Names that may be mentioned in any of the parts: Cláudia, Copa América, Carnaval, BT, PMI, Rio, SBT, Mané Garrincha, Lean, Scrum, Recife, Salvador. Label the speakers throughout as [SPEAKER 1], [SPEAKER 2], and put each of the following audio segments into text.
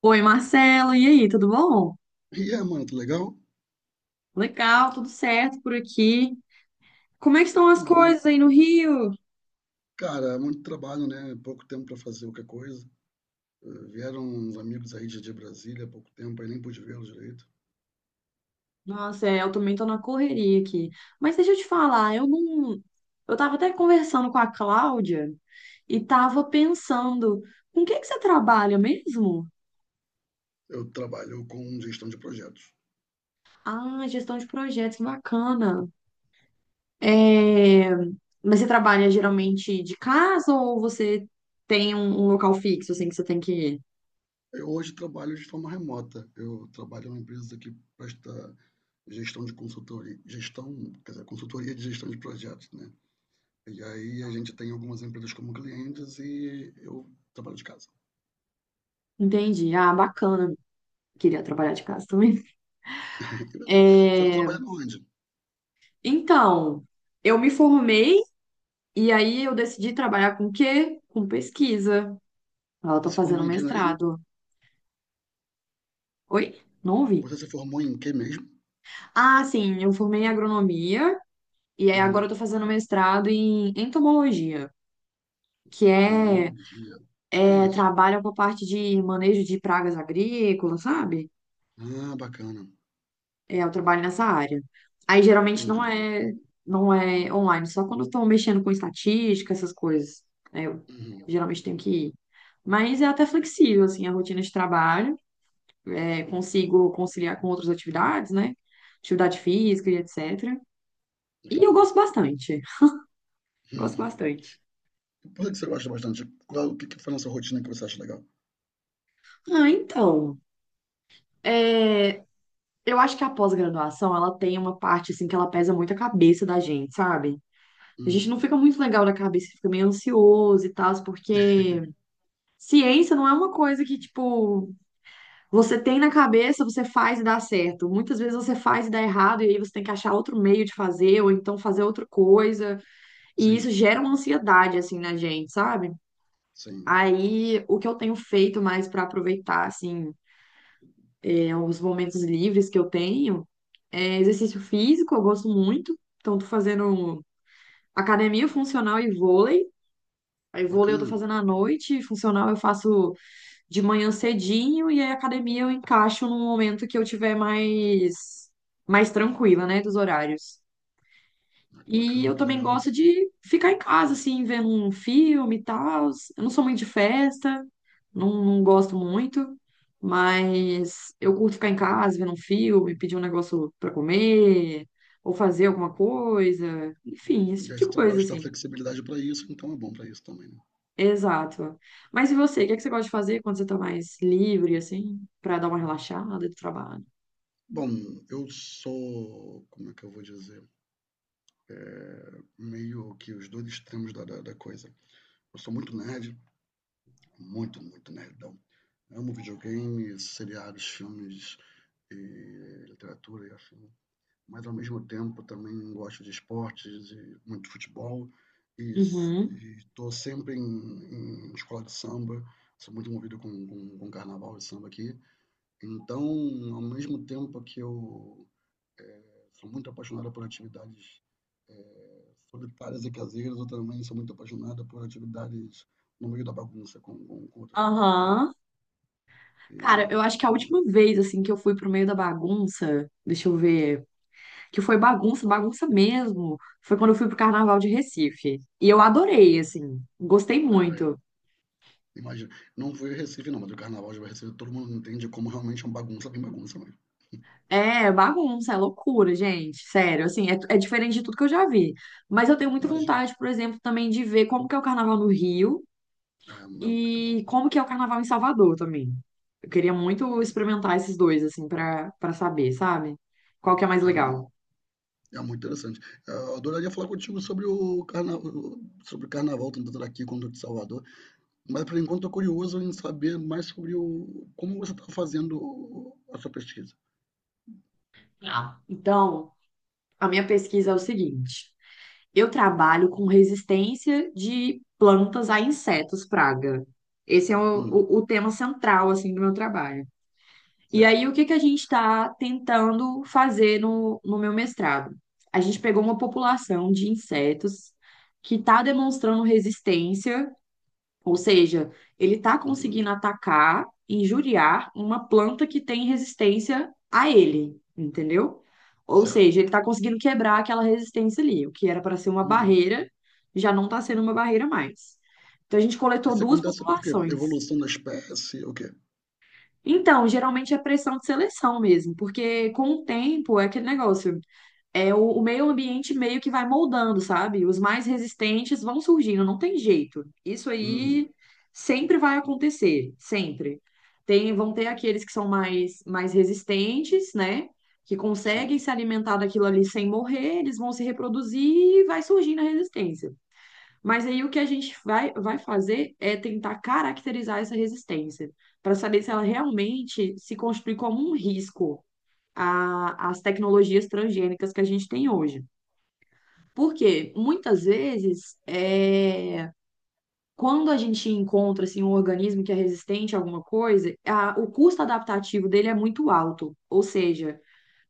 [SPEAKER 1] Oi, Marcelo, e aí, tudo bom?
[SPEAKER 2] E é, mano, tá legal?
[SPEAKER 1] Legal, tudo certo por aqui. Como é que
[SPEAKER 2] Aqui
[SPEAKER 1] estão as
[SPEAKER 2] também.
[SPEAKER 1] coisas aí no Rio?
[SPEAKER 2] Cara, é muito trabalho, né? Pouco tempo pra fazer qualquer coisa. Vieram uns amigos aí de Brasília há pouco tempo, aí nem pude vê-los direito.
[SPEAKER 1] Nossa, é, eu também tô na correria aqui. Mas deixa eu te falar, eu não. Eu tava até conversando com a Cláudia e tava pensando, com o que que você trabalha mesmo?
[SPEAKER 2] Eu trabalho com gestão de projetos.
[SPEAKER 1] Ah, gestão de projetos, que bacana. É, mas você trabalha geralmente de casa ou você tem um local fixo, assim, que você tem que ir?
[SPEAKER 2] Eu hoje trabalho de forma remota. Eu trabalho em uma empresa que presta gestão de consultoria, quer dizer, consultoria de gestão de projetos, né? E aí a gente tem algumas empresas como clientes e eu trabalho de casa.
[SPEAKER 1] Entendi. Ah, bacana. Queria trabalhar de casa também.
[SPEAKER 2] Você está
[SPEAKER 1] É,
[SPEAKER 2] trabalhando onde?
[SPEAKER 1] então, eu me formei e aí eu decidi trabalhar com o quê? Com pesquisa. Eu tô
[SPEAKER 2] Você se
[SPEAKER 1] fazendo
[SPEAKER 2] formou em que mesmo?
[SPEAKER 1] mestrado. Oi? Não ouvi.
[SPEAKER 2] Você se formou em que mesmo?
[SPEAKER 1] Ah, sim, eu formei em agronomia e aí agora
[SPEAKER 2] Hum.
[SPEAKER 1] eu tô fazendo mestrado em entomologia, que é,
[SPEAKER 2] tomologia. O que é
[SPEAKER 1] é
[SPEAKER 2] isso?
[SPEAKER 1] trabalha com a parte de manejo de pragas agrícolas, sabe?
[SPEAKER 2] Ah, bacana.
[SPEAKER 1] É, eu trabalho nessa área. Aí geralmente não
[SPEAKER 2] Entendi.
[SPEAKER 1] é, não é online, só quando estão mexendo com estatística, essas coisas. Aí eu
[SPEAKER 2] Uhum.
[SPEAKER 1] geralmente tenho que ir. Mas é até flexível, assim, a rotina de trabalho. É, consigo conciliar com outras atividades, né? Atividade física e etc.
[SPEAKER 2] Muito
[SPEAKER 1] E eu
[SPEAKER 2] bom.
[SPEAKER 1] gosto bastante. Gosto bastante.
[SPEAKER 2] E por que você gosta bastante? O que que foi nessa rotina que você acha legal?
[SPEAKER 1] Ah, então. É, eu acho que a pós-graduação, ela tem uma parte, assim, que ela pesa muito a cabeça da gente, sabe? A gente
[SPEAKER 2] Hum,
[SPEAKER 1] não fica muito legal da cabeça, fica meio ansioso e tal, porque ciência não é uma coisa que, tipo, você tem na cabeça, você faz e dá certo. Muitas vezes você faz e dá errado, e aí você tem que achar outro meio de fazer, ou então fazer outra coisa. E isso
[SPEAKER 2] sim,
[SPEAKER 1] gera uma ansiedade, assim, na gente, sabe?
[SPEAKER 2] sim.
[SPEAKER 1] Aí, o que eu tenho feito mais pra aproveitar, assim, é, os momentos livres que eu tenho, é exercício físico, eu gosto muito. Então, tô fazendo academia funcional e vôlei. Aí, vôlei eu tô
[SPEAKER 2] Bacana,
[SPEAKER 1] fazendo à noite, funcional eu faço de manhã cedinho e aí a academia eu encaixo num momento que eu tiver mais tranquila, né, dos horários. E
[SPEAKER 2] bacana,
[SPEAKER 1] eu
[SPEAKER 2] que
[SPEAKER 1] também
[SPEAKER 2] legal.
[SPEAKER 1] gosto de ficar em casa, assim, vendo um filme e tal. Eu não sou muito de festa, não, não gosto muito, mas eu curto ficar em casa, vendo um filme, pedir um negócio para comer, ou fazer alguma coisa, enfim, esse
[SPEAKER 2] E
[SPEAKER 1] tipo
[SPEAKER 2] aí
[SPEAKER 1] de
[SPEAKER 2] esse trabalho
[SPEAKER 1] coisa,
[SPEAKER 2] te dá
[SPEAKER 1] assim.
[SPEAKER 2] flexibilidade para isso, então é bom para isso também, né?
[SPEAKER 1] Exato. Mas e você, o que é que você gosta de fazer quando você tá mais livre, assim, pra dar uma relaxada do trabalho?
[SPEAKER 2] Bom, eu sou, como é que eu vou dizer? Meio que os dois extremos da coisa. Eu sou muito nerd, muito, muito nerdão. Amo videogames seriados, filmes, e literatura e afim. Mas ao mesmo tempo também gosto de esportes e muito futebol e
[SPEAKER 1] Uhum.
[SPEAKER 2] estou sempre em escola de samba, sou muito movido com carnaval e samba aqui. Então, ao mesmo tempo que eu sou muito apaixonado por atividades solitárias e caseiras, eu também sou muito apaixonado por atividades no meio da bagunça com outras pessoas também.
[SPEAKER 1] Aham.
[SPEAKER 2] E,
[SPEAKER 1] Cara, eu acho que a
[SPEAKER 2] pô,
[SPEAKER 1] última vez, assim, que eu fui pro meio da bagunça, deixa eu ver, que foi bagunça, bagunça mesmo, foi quando eu fui pro Carnaval de Recife. E eu adorei, assim, gostei
[SPEAKER 2] é,
[SPEAKER 1] muito.
[SPEAKER 2] imagina, não foi Recife não, mas o carnaval de Recife todo mundo entende como realmente é uma bagunça bem bagunça mesmo.
[SPEAKER 1] É bagunça, é loucura, gente, sério, assim, é diferente de tudo que eu já vi. Mas eu tenho muita
[SPEAKER 2] Imagina.
[SPEAKER 1] vontade, por exemplo, também de ver como que é o Carnaval no Rio,
[SPEAKER 2] Ah, muito bom.
[SPEAKER 1] e como que é o carnaval em Salvador também? Eu queria muito experimentar esses dois, assim, para saber, sabe? Qual que é mais
[SPEAKER 2] Ah,
[SPEAKER 1] legal?
[SPEAKER 2] é muito interessante. É, eu adoraria falar contigo sobre o carnaval, tanto daqui quanto de Salvador, mas por enquanto estou curioso em saber mais sobre como você está fazendo a sua pesquisa.
[SPEAKER 1] Ah. Então, a minha pesquisa é o seguinte: eu trabalho com resistência de plantas a insetos praga. Esse é o,
[SPEAKER 2] Hum,
[SPEAKER 1] o, o tema central, assim, do meu trabalho. E
[SPEAKER 2] certo.
[SPEAKER 1] aí, o que que a gente está tentando fazer no meu mestrado? A gente pegou uma população de insetos que está demonstrando resistência. Ou seja, ele está
[SPEAKER 2] Uhum,
[SPEAKER 1] conseguindo atacar, injuriar uma planta que tem resistência a ele, entendeu? Ou
[SPEAKER 2] certo.
[SPEAKER 1] seja, ele está conseguindo quebrar aquela resistência ali, o que era para ser uma
[SPEAKER 2] Uhum.
[SPEAKER 1] barreira, já não está sendo uma barreira mais. Então a gente coletou
[SPEAKER 2] Isso
[SPEAKER 1] duas
[SPEAKER 2] acontece por quê?
[SPEAKER 1] populações.
[SPEAKER 2] Evolução da espécie, o quê?
[SPEAKER 1] Então, geralmente é pressão de seleção mesmo, porque com o tempo é aquele negócio, é o meio ambiente meio que vai moldando, sabe? Os mais resistentes vão surgindo, não tem jeito. Isso
[SPEAKER 2] Uhum,
[SPEAKER 1] aí sempre vai acontecer, sempre. Tem, vão ter aqueles que são mais, mais resistentes, né? Que
[SPEAKER 2] sim.
[SPEAKER 1] conseguem se alimentar daquilo ali sem morrer, eles vão se reproduzir e vai surgindo a resistência. Mas aí o que a gente vai fazer é tentar caracterizar essa resistência, para saber se ela realmente se constitui como um risco as tecnologias transgênicas que a gente tem hoje. Porque muitas vezes, é, quando a gente encontra assim, um organismo que é resistente a alguma coisa, o custo adaptativo dele é muito alto. Ou seja,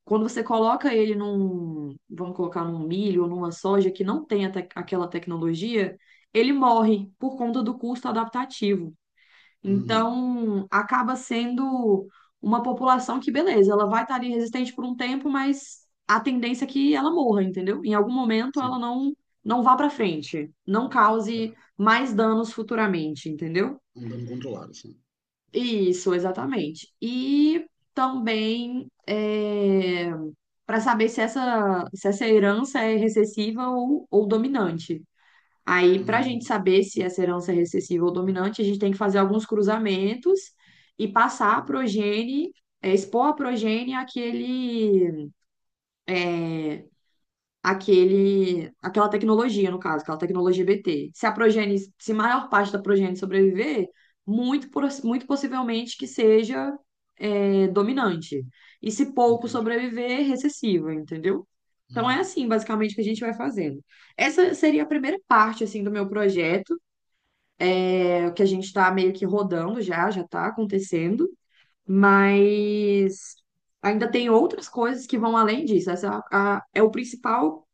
[SPEAKER 1] quando você coloca ele num, vamos colocar num milho ou numa soja que não tem a aquela tecnologia, ele morre por conta do custo adaptativo.
[SPEAKER 2] Uhum,
[SPEAKER 1] Então, acaba sendo uma população que, beleza, ela vai estar ali resistente por um tempo, mas a tendência é que ela morra, entendeu? Em algum momento ela
[SPEAKER 2] sim.
[SPEAKER 1] não não vá para frente, não cause
[SPEAKER 2] Certo.
[SPEAKER 1] mais danos futuramente, entendeu?
[SPEAKER 2] Um dano controlado, sim.
[SPEAKER 1] Isso, exatamente. E também para saber se essa, herança é recessiva ou dominante. Aí, para a gente
[SPEAKER 2] Uhum,
[SPEAKER 1] saber se essa herança é recessiva ou dominante, a gente tem que fazer alguns cruzamentos e passar a progenie, é, expor a progenie àquela tecnologia, no caso, aquela tecnologia BT. Se a progenie, se a maior parte da progenie sobreviver, muito possivelmente que seja, é, dominante. E se pouco
[SPEAKER 2] entendi.
[SPEAKER 1] sobreviver, recessiva, entendeu? Então é
[SPEAKER 2] Uhum,
[SPEAKER 1] assim, basicamente, que a gente vai fazendo. Essa seria a primeira parte, assim, do meu projeto. É o que a gente está meio que rodando já, já está acontecendo, mas ainda tem outras coisas que vão além disso. Essa é, é o principal,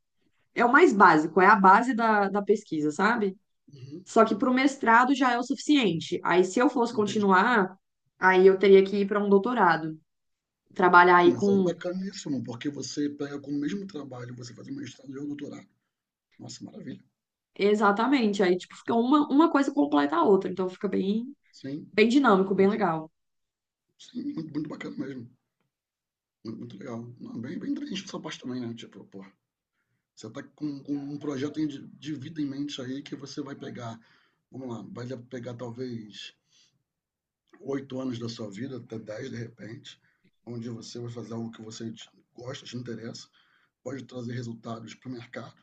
[SPEAKER 1] é o mais básico, é a base da pesquisa, sabe?
[SPEAKER 2] uhum,
[SPEAKER 1] Só que para o mestrado já é o suficiente. Aí, se eu fosse
[SPEAKER 2] entendi.
[SPEAKER 1] continuar, aí eu teria que ir para um doutorado, trabalhar
[SPEAKER 2] Não,
[SPEAKER 1] aí
[SPEAKER 2] mas aí
[SPEAKER 1] com.
[SPEAKER 2] bacaníssimo, porque você pega com o mesmo trabalho, você faz um mestrado e um doutorado. Nossa, maravilha.
[SPEAKER 1] Exatamente, aí tipo, fica uma, coisa completa a outra, então fica bem,
[SPEAKER 2] Sim,
[SPEAKER 1] bem dinâmico, bem
[SPEAKER 2] nossa,
[SPEAKER 1] legal.
[SPEAKER 2] sim, muito, muito bacana mesmo. Muito, muito legal. Não, bem, bem inteligente essa parte também, né? Tipo, pô, você tá com um projeto de vida em mente aí que você vai pegar, vamos lá, vai pegar talvez 8 anos da sua vida, até 10 de repente, onde você vai fazer algo que você gosta, te interessa, pode trazer resultados para o mercado.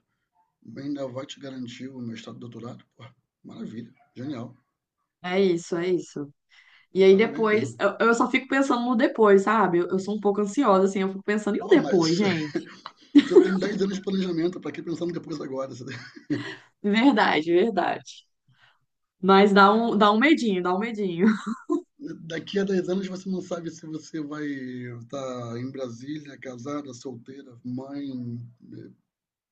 [SPEAKER 2] Ainda vai te garantir o mestrado e doutorado? Porra, maravilha, genial,
[SPEAKER 1] É isso, é isso. E aí
[SPEAKER 2] parabéns
[SPEAKER 1] depois,
[SPEAKER 2] mesmo.
[SPEAKER 1] eu só fico pensando no depois, sabe? Eu sou um pouco ansiosa, assim, eu fico pensando, e o
[SPEAKER 2] Pô,
[SPEAKER 1] depois,
[SPEAKER 2] mas
[SPEAKER 1] gente?
[SPEAKER 2] você tem 10 anos de planejamento, para que pensando depois agora? Você tem-
[SPEAKER 1] Verdade, verdade. Mas dá um medinho, dá um medinho.
[SPEAKER 2] Daqui a 10 anos você não sabe se você vai estar em Brasília, casada, solteira, mãe, eh,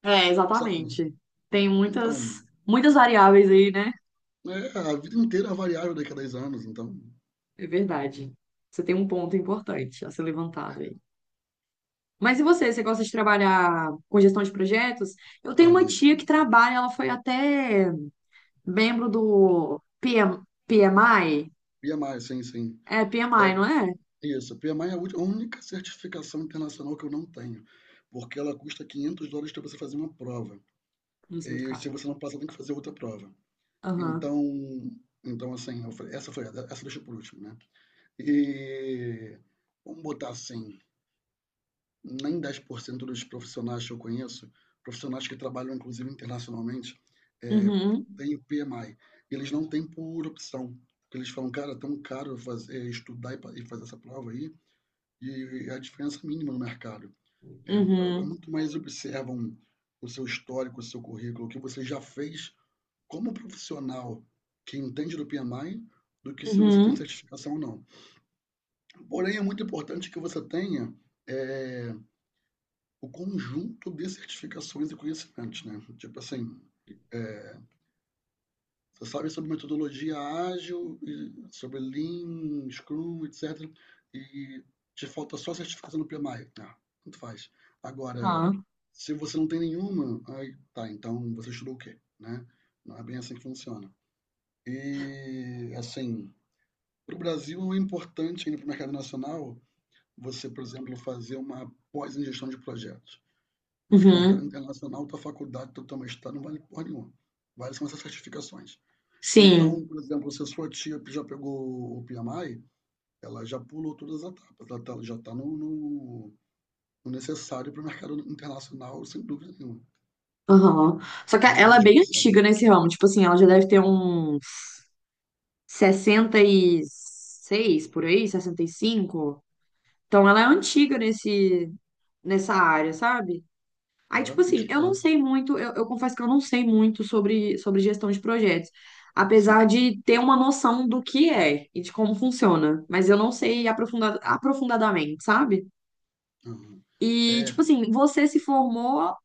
[SPEAKER 1] É,
[SPEAKER 2] sabe?
[SPEAKER 1] exatamente. Tem
[SPEAKER 2] Então,
[SPEAKER 1] muitas, muitas variáveis aí, né?
[SPEAKER 2] a vida inteira é variável daqui a 10 anos, então.
[SPEAKER 1] É verdade. Você tem um ponto importante a ser levantado aí. Mas e você? Você gosta de trabalhar com gestão de projetos? Eu tenho
[SPEAKER 2] Ah,
[SPEAKER 1] uma
[SPEAKER 2] muito,
[SPEAKER 1] tia que
[SPEAKER 2] muito.
[SPEAKER 1] trabalha, ela foi até membro do PMI.
[SPEAKER 2] PMI, sim, sim.
[SPEAKER 1] É, p m
[SPEAKER 2] É
[SPEAKER 1] i não é?
[SPEAKER 2] isso. PMI é a única certificação internacional que eu não tenho, porque ela custa 500 dólares para você fazer uma prova.
[SPEAKER 1] Nossa, muito
[SPEAKER 2] E se
[SPEAKER 1] caro.
[SPEAKER 2] você não passa, tem que fazer outra prova.
[SPEAKER 1] Aham.
[SPEAKER 2] Então, assim, eu falei, essa deixa por último, né? E vamos botar assim, nem 10% dos profissionais que eu conheço, profissionais que trabalham inclusive internacionalmente, é,
[SPEAKER 1] Uhum,
[SPEAKER 2] têm PMI. E eles não têm por opção. Eles falam, cara, é tão caro fazer, estudar e fazer essa prova aí, e a diferença é mínima no mercado. É,
[SPEAKER 1] uhum,
[SPEAKER 2] muito mais observam o seu histórico, o seu currículo, o que você já fez, como profissional que entende do PMI do que se você tem
[SPEAKER 1] uhum,
[SPEAKER 2] certificação ou não. Porém, é muito importante que você tenha é, o conjunto de certificações e conhecimentos, né? Tipo assim, você sabe sobre metodologia ágil, sobre Lean, Scrum, etc. E te falta só a certificação no PMI. Ah, tanto faz. Agora,
[SPEAKER 1] ah,
[SPEAKER 2] se você não tem nenhuma, aí tá, então você estudou o quê, né? Não é bem assim que funciona. E, assim, para o Brasil, não é importante ainda para o mercado nacional você, por exemplo, fazer uma pós em gestão de projetos. Mas para o mercado
[SPEAKER 1] uhum,
[SPEAKER 2] internacional, tua faculdade, teu mestrado não vale porra nenhuma. Vale são essas certificações. Então,
[SPEAKER 1] sim,
[SPEAKER 2] por exemplo, se a sua tia já pegou o PMI, ela já pulou todas as etapas. Ela já está no necessário para o mercado internacional, sem dúvida nenhuma.
[SPEAKER 1] aham. Só que
[SPEAKER 2] Está
[SPEAKER 1] ela
[SPEAKER 2] nadando
[SPEAKER 1] é
[SPEAKER 2] de
[SPEAKER 1] bem
[SPEAKER 2] braçada.
[SPEAKER 1] antiga nesse ramo, tipo assim, ela já deve ter uns 66 por aí, 65. Então ela é antiga nesse, nessa área, sabe? Aí, tipo
[SPEAKER 2] Parabéns
[SPEAKER 1] assim, eu
[SPEAKER 2] para
[SPEAKER 1] não
[SPEAKER 2] ela.
[SPEAKER 1] sei muito, eu confesso que eu não sei muito sobre gestão de projetos,
[SPEAKER 2] Sim.
[SPEAKER 1] apesar de ter uma noção do que é e de como funciona, mas eu não sei aprofundadamente, sabe?
[SPEAKER 2] Aham.
[SPEAKER 1] E,
[SPEAKER 2] É,
[SPEAKER 1] tipo assim, você se formou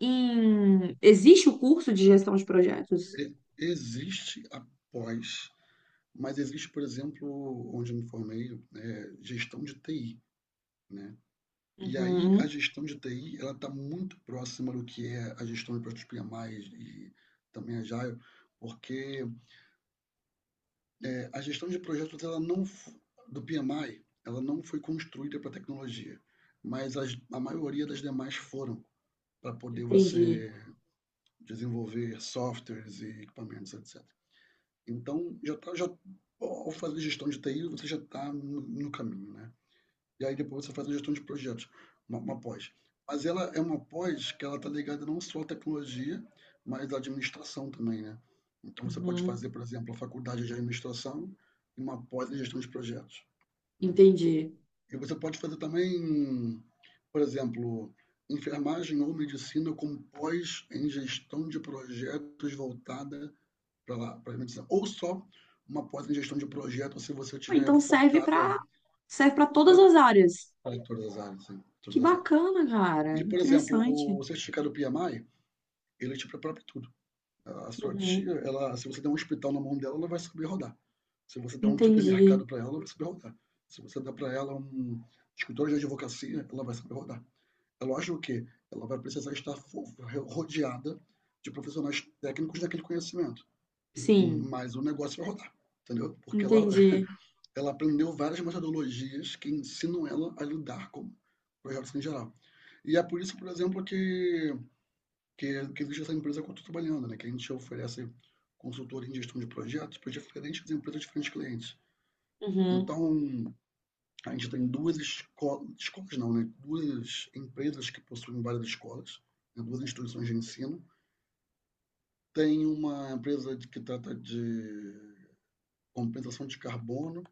[SPEAKER 1] em. Existe o curso de gestão de projetos?
[SPEAKER 2] existe a pós. Mas existe, por exemplo, onde eu me formei, gestão de TI, né? E aí a
[SPEAKER 1] Uhum,
[SPEAKER 2] gestão de TI, ela está muito próxima do que é a gestão de projetos PMI e também a Agile, porque a gestão de projetos ela não f- do PMI, ela não foi construída para tecnologia, mas a maioria das demais foram para poder
[SPEAKER 1] entendi.
[SPEAKER 2] você desenvolver softwares e equipamentos, etc. Então, ao fazer gestão de TI, você já está no caminho, né? E aí depois você faz a gestão de projetos, uma pós. Mas ela é uma pós que ela está ligada não só à tecnologia, mas à administração também, né? Então você pode fazer,
[SPEAKER 1] Uhum,
[SPEAKER 2] por exemplo, a faculdade de administração e uma pós em gestão de projetos, né?
[SPEAKER 1] entendi.
[SPEAKER 2] E você pode fazer também, por exemplo, enfermagem ou medicina com pós em gestão de projetos voltada para lá, para medicina, ou só uma pós em gestão de projetos se você
[SPEAKER 1] Ah,
[SPEAKER 2] tiver
[SPEAKER 1] então serve para
[SPEAKER 2] focada
[SPEAKER 1] serve para todas
[SPEAKER 2] para
[SPEAKER 1] as áreas.
[SPEAKER 2] todas as áreas, sim,
[SPEAKER 1] Que
[SPEAKER 2] todas as áreas.
[SPEAKER 1] bacana, cara.
[SPEAKER 2] E, por exemplo,
[SPEAKER 1] Interessante.
[SPEAKER 2] o certificado PMI, ele te prepara para tudo. A sua tia,
[SPEAKER 1] Uhum,
[SPEAKER 2] ela, se você der um hospital na mão dela, ela vai saber rodar. Se você der um
[SPEAKER 1] entendi.
[SPEAKER 2] supermercado para ela, ela vai saber rodar. Se você der para ela um escritório de advocacia, ela vai saber rodar. É lógico que ela vai precisar estar rodeada de profissionais técnicos daquele conhecimento.
[SPEAKER 1] Sim,
[SPEAKER 2] Mas o negócio vai rodar, entendeu? Porque ela,
[SPEAKER 1] entendi.
[SPEAKER 2] ela aprendeu várias metodologias que ensinam ela a lidar com projetos em geral. E é por isso, por exemplo, que, existe essa empresa que eu estou trabalhando, né? Que a gente oferece consultoria em gestão de projetos para diferentes empresas, diferentes clientes.
[SPEAKER 1] Uhum,
[SPEAKER 2] Então, a gente tem duas escolas, escolas não, né? Duas empresas que possuem várias escolas, né? Duas instituições de ensino. Tem uma empresa que trata de compensação de carbono,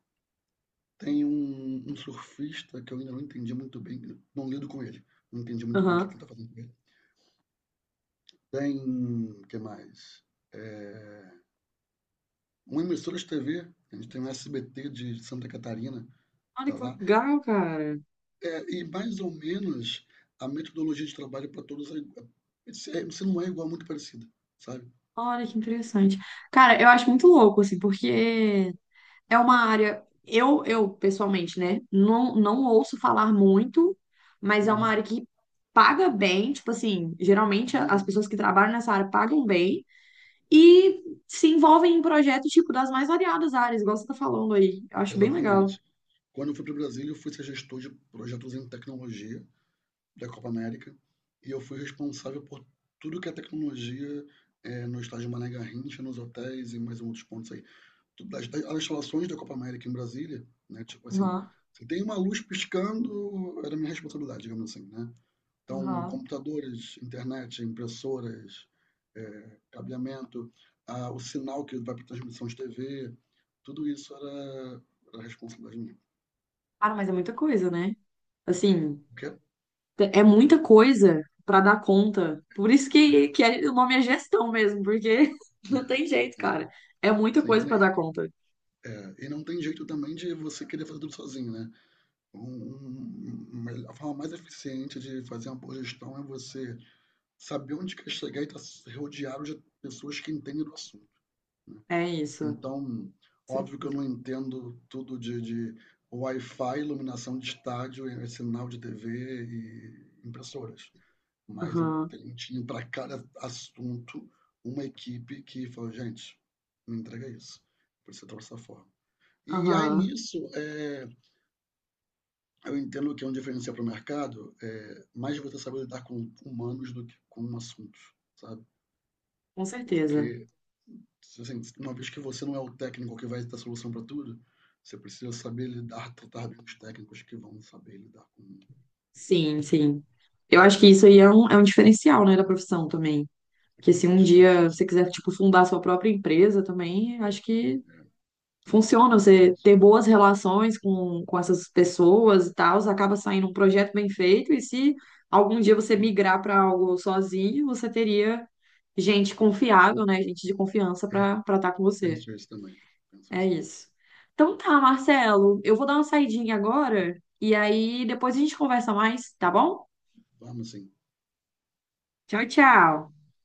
[SPEAKER 2] tem um surfista que eu ainda não entendi muito bem, não lido com ele, não entendi muito bem o que ele
[SPEAKER 1] uhum.
[SPEAKER 2] está fazendo com ele. Tem, o que mais? É, uma emissora de TV, a gente tem o SBT de Santa Catarina, que
[SPEAKER 1] Olha
[SPEAKER 2] está
[SPEAKER 1] que
[SPEAKER 2] lá,
[SPEAKER 1] legal, cara.
[SPEAKER 2] e mais ou menos a metodologia de trabalho para todos se não é igual, é muito parecida, sabe?
[SPEAKER 1] Olha que interessante. Cara, eu acho muito louco, assim, porque é uma área, eu pessoalmente, né, não, não ouço falar muito, mas é uma
[SPEAKER 2] Uhum,
[SPEAKER 1] área que paga bem, tipo assim, geralmente as
[SPEAKER 2] uhum,
[SPEAKER 1] pessoas que trabalham nessa área pagam bem e se envolvem em projetos, tipo, das mais variadas áreas, igual você tá falando aí. Eu acho bem legal.
[SPEAKER 2] exatamente. Quando eu fui para o Brasil, eu fui ser gestor de projetos em tecnologia da Copa América, e eu fui responsável por tudo que é tecnologia no estádio Mané Garrincha, nos hotéis e mais outros pontos aí. das instalações da Copa América em Brasília, né? Tipo assim,
[SPEAKER 1] Aham,
[SPEAKER 2] se tem uma luz piscando, era minha responsabilidade, digamos assim, né? Então,
[SPEAKER 1] aham.
[SPEAKER 2] computadores, internet, impressoras, cabeamento, o sinal que vai para transmissão de TV, tudo isso era responsabilidade minha.
[SPEAKER 1] Cara, mas é muita coisa, né? Assim,
[SPEAKER 2] O quê?
[SPEAKER 1] é muita coisa pra dar conta. Por isso
[SPEAKER 2] É,
[SPEAKER 1] que o nome é gestão mesmo, porque
[SPEAKER 2] é,
[SPEAKER 1] não tem jeito,
[SPEAKER 2] é.
[SPEAKER 1] cara. É muita
[SPEAKER 2] Sim,
[SPEAKER 1] coisa pra dar conta.
[SPEAKER 2] e não tem jeito também de você querer fazer tudo sozinho, né? A forma mais eficiente de fazer uma boa gestão é você saber onde quer chegar e estar rodeado de pessoas que entendem do assunto.
[SPEAKER 1] É isso.
[SPEAKER 2] Então, óbvio que eu não entendo tudo de Wi-Fi, iluminação de estádio, sinal de TV e impressoras. Mas eu
[SPEAKER 1] Aham,
[SPEAKER 2] tinha para cada assunto uma equipe que falou, gente, me entrega isso, precisa trabalhar dessa forma. E aí
[SPEAKER 1] aham,
[SPEAKER 2] nisso, eu entendo que é um diferencial para o mercado, mais você saber lidar com humanos do que com assuntos, sabe?
[SPEAKER 1] com certeza.
[SPEAKER 2] Porque assim, uma vez que você não é o técnico que vai dar solução para tudo, você precisa saber lidar, tratar bem os técnicos que vão saber lidar com.
[SPEAKER 1] Sim, sim. Eu acho que isso aí é um, diferencial, né, da profissão também. Porque se
[SPEAKER 2] Eu
[SPEAKER 1] um
[SPEAKER 2] acho, eu acho
[SPEAKER 1] dia
[SPEAKER 2] que
[SPEAKER 1] você
[SPEAKER 2] sim.
[SPEAKER 1] quiser, tipo, fundar sua própria empresa também, acho que
[SPEAKER 2] É, sim.
[SPEAKER 1] funciona.
[SPEAKER 2] Eu penso
[SPEAKER 1] Você
[SPEAKER 2] isso.
[SPEAKER 1] ter boas relações com essas pessoas e tal, acaba saindo um projeto bem feito. E se algum dia você
[SPEAKER 2] Hum,
[SPEAKER 1] migrar para algo sozinho, você teria gente confiável, né, gente de confiança
[SPEAKER 2] é,
[SPEAKER 1] para estar com você.
[SPEAKER 2] penso isso também. Penso
[SPEAKER 1] É
[SPEAKER 2] isso também.
[SPEAKER 1] isso. Então tá, Marcelo, eu vou dar uma saidinha agora e aí depois a gente conversa mais, tá bom?
[SPEAKER 2] Vamos sim.
[SPEAKER 1] Tchau, tchau.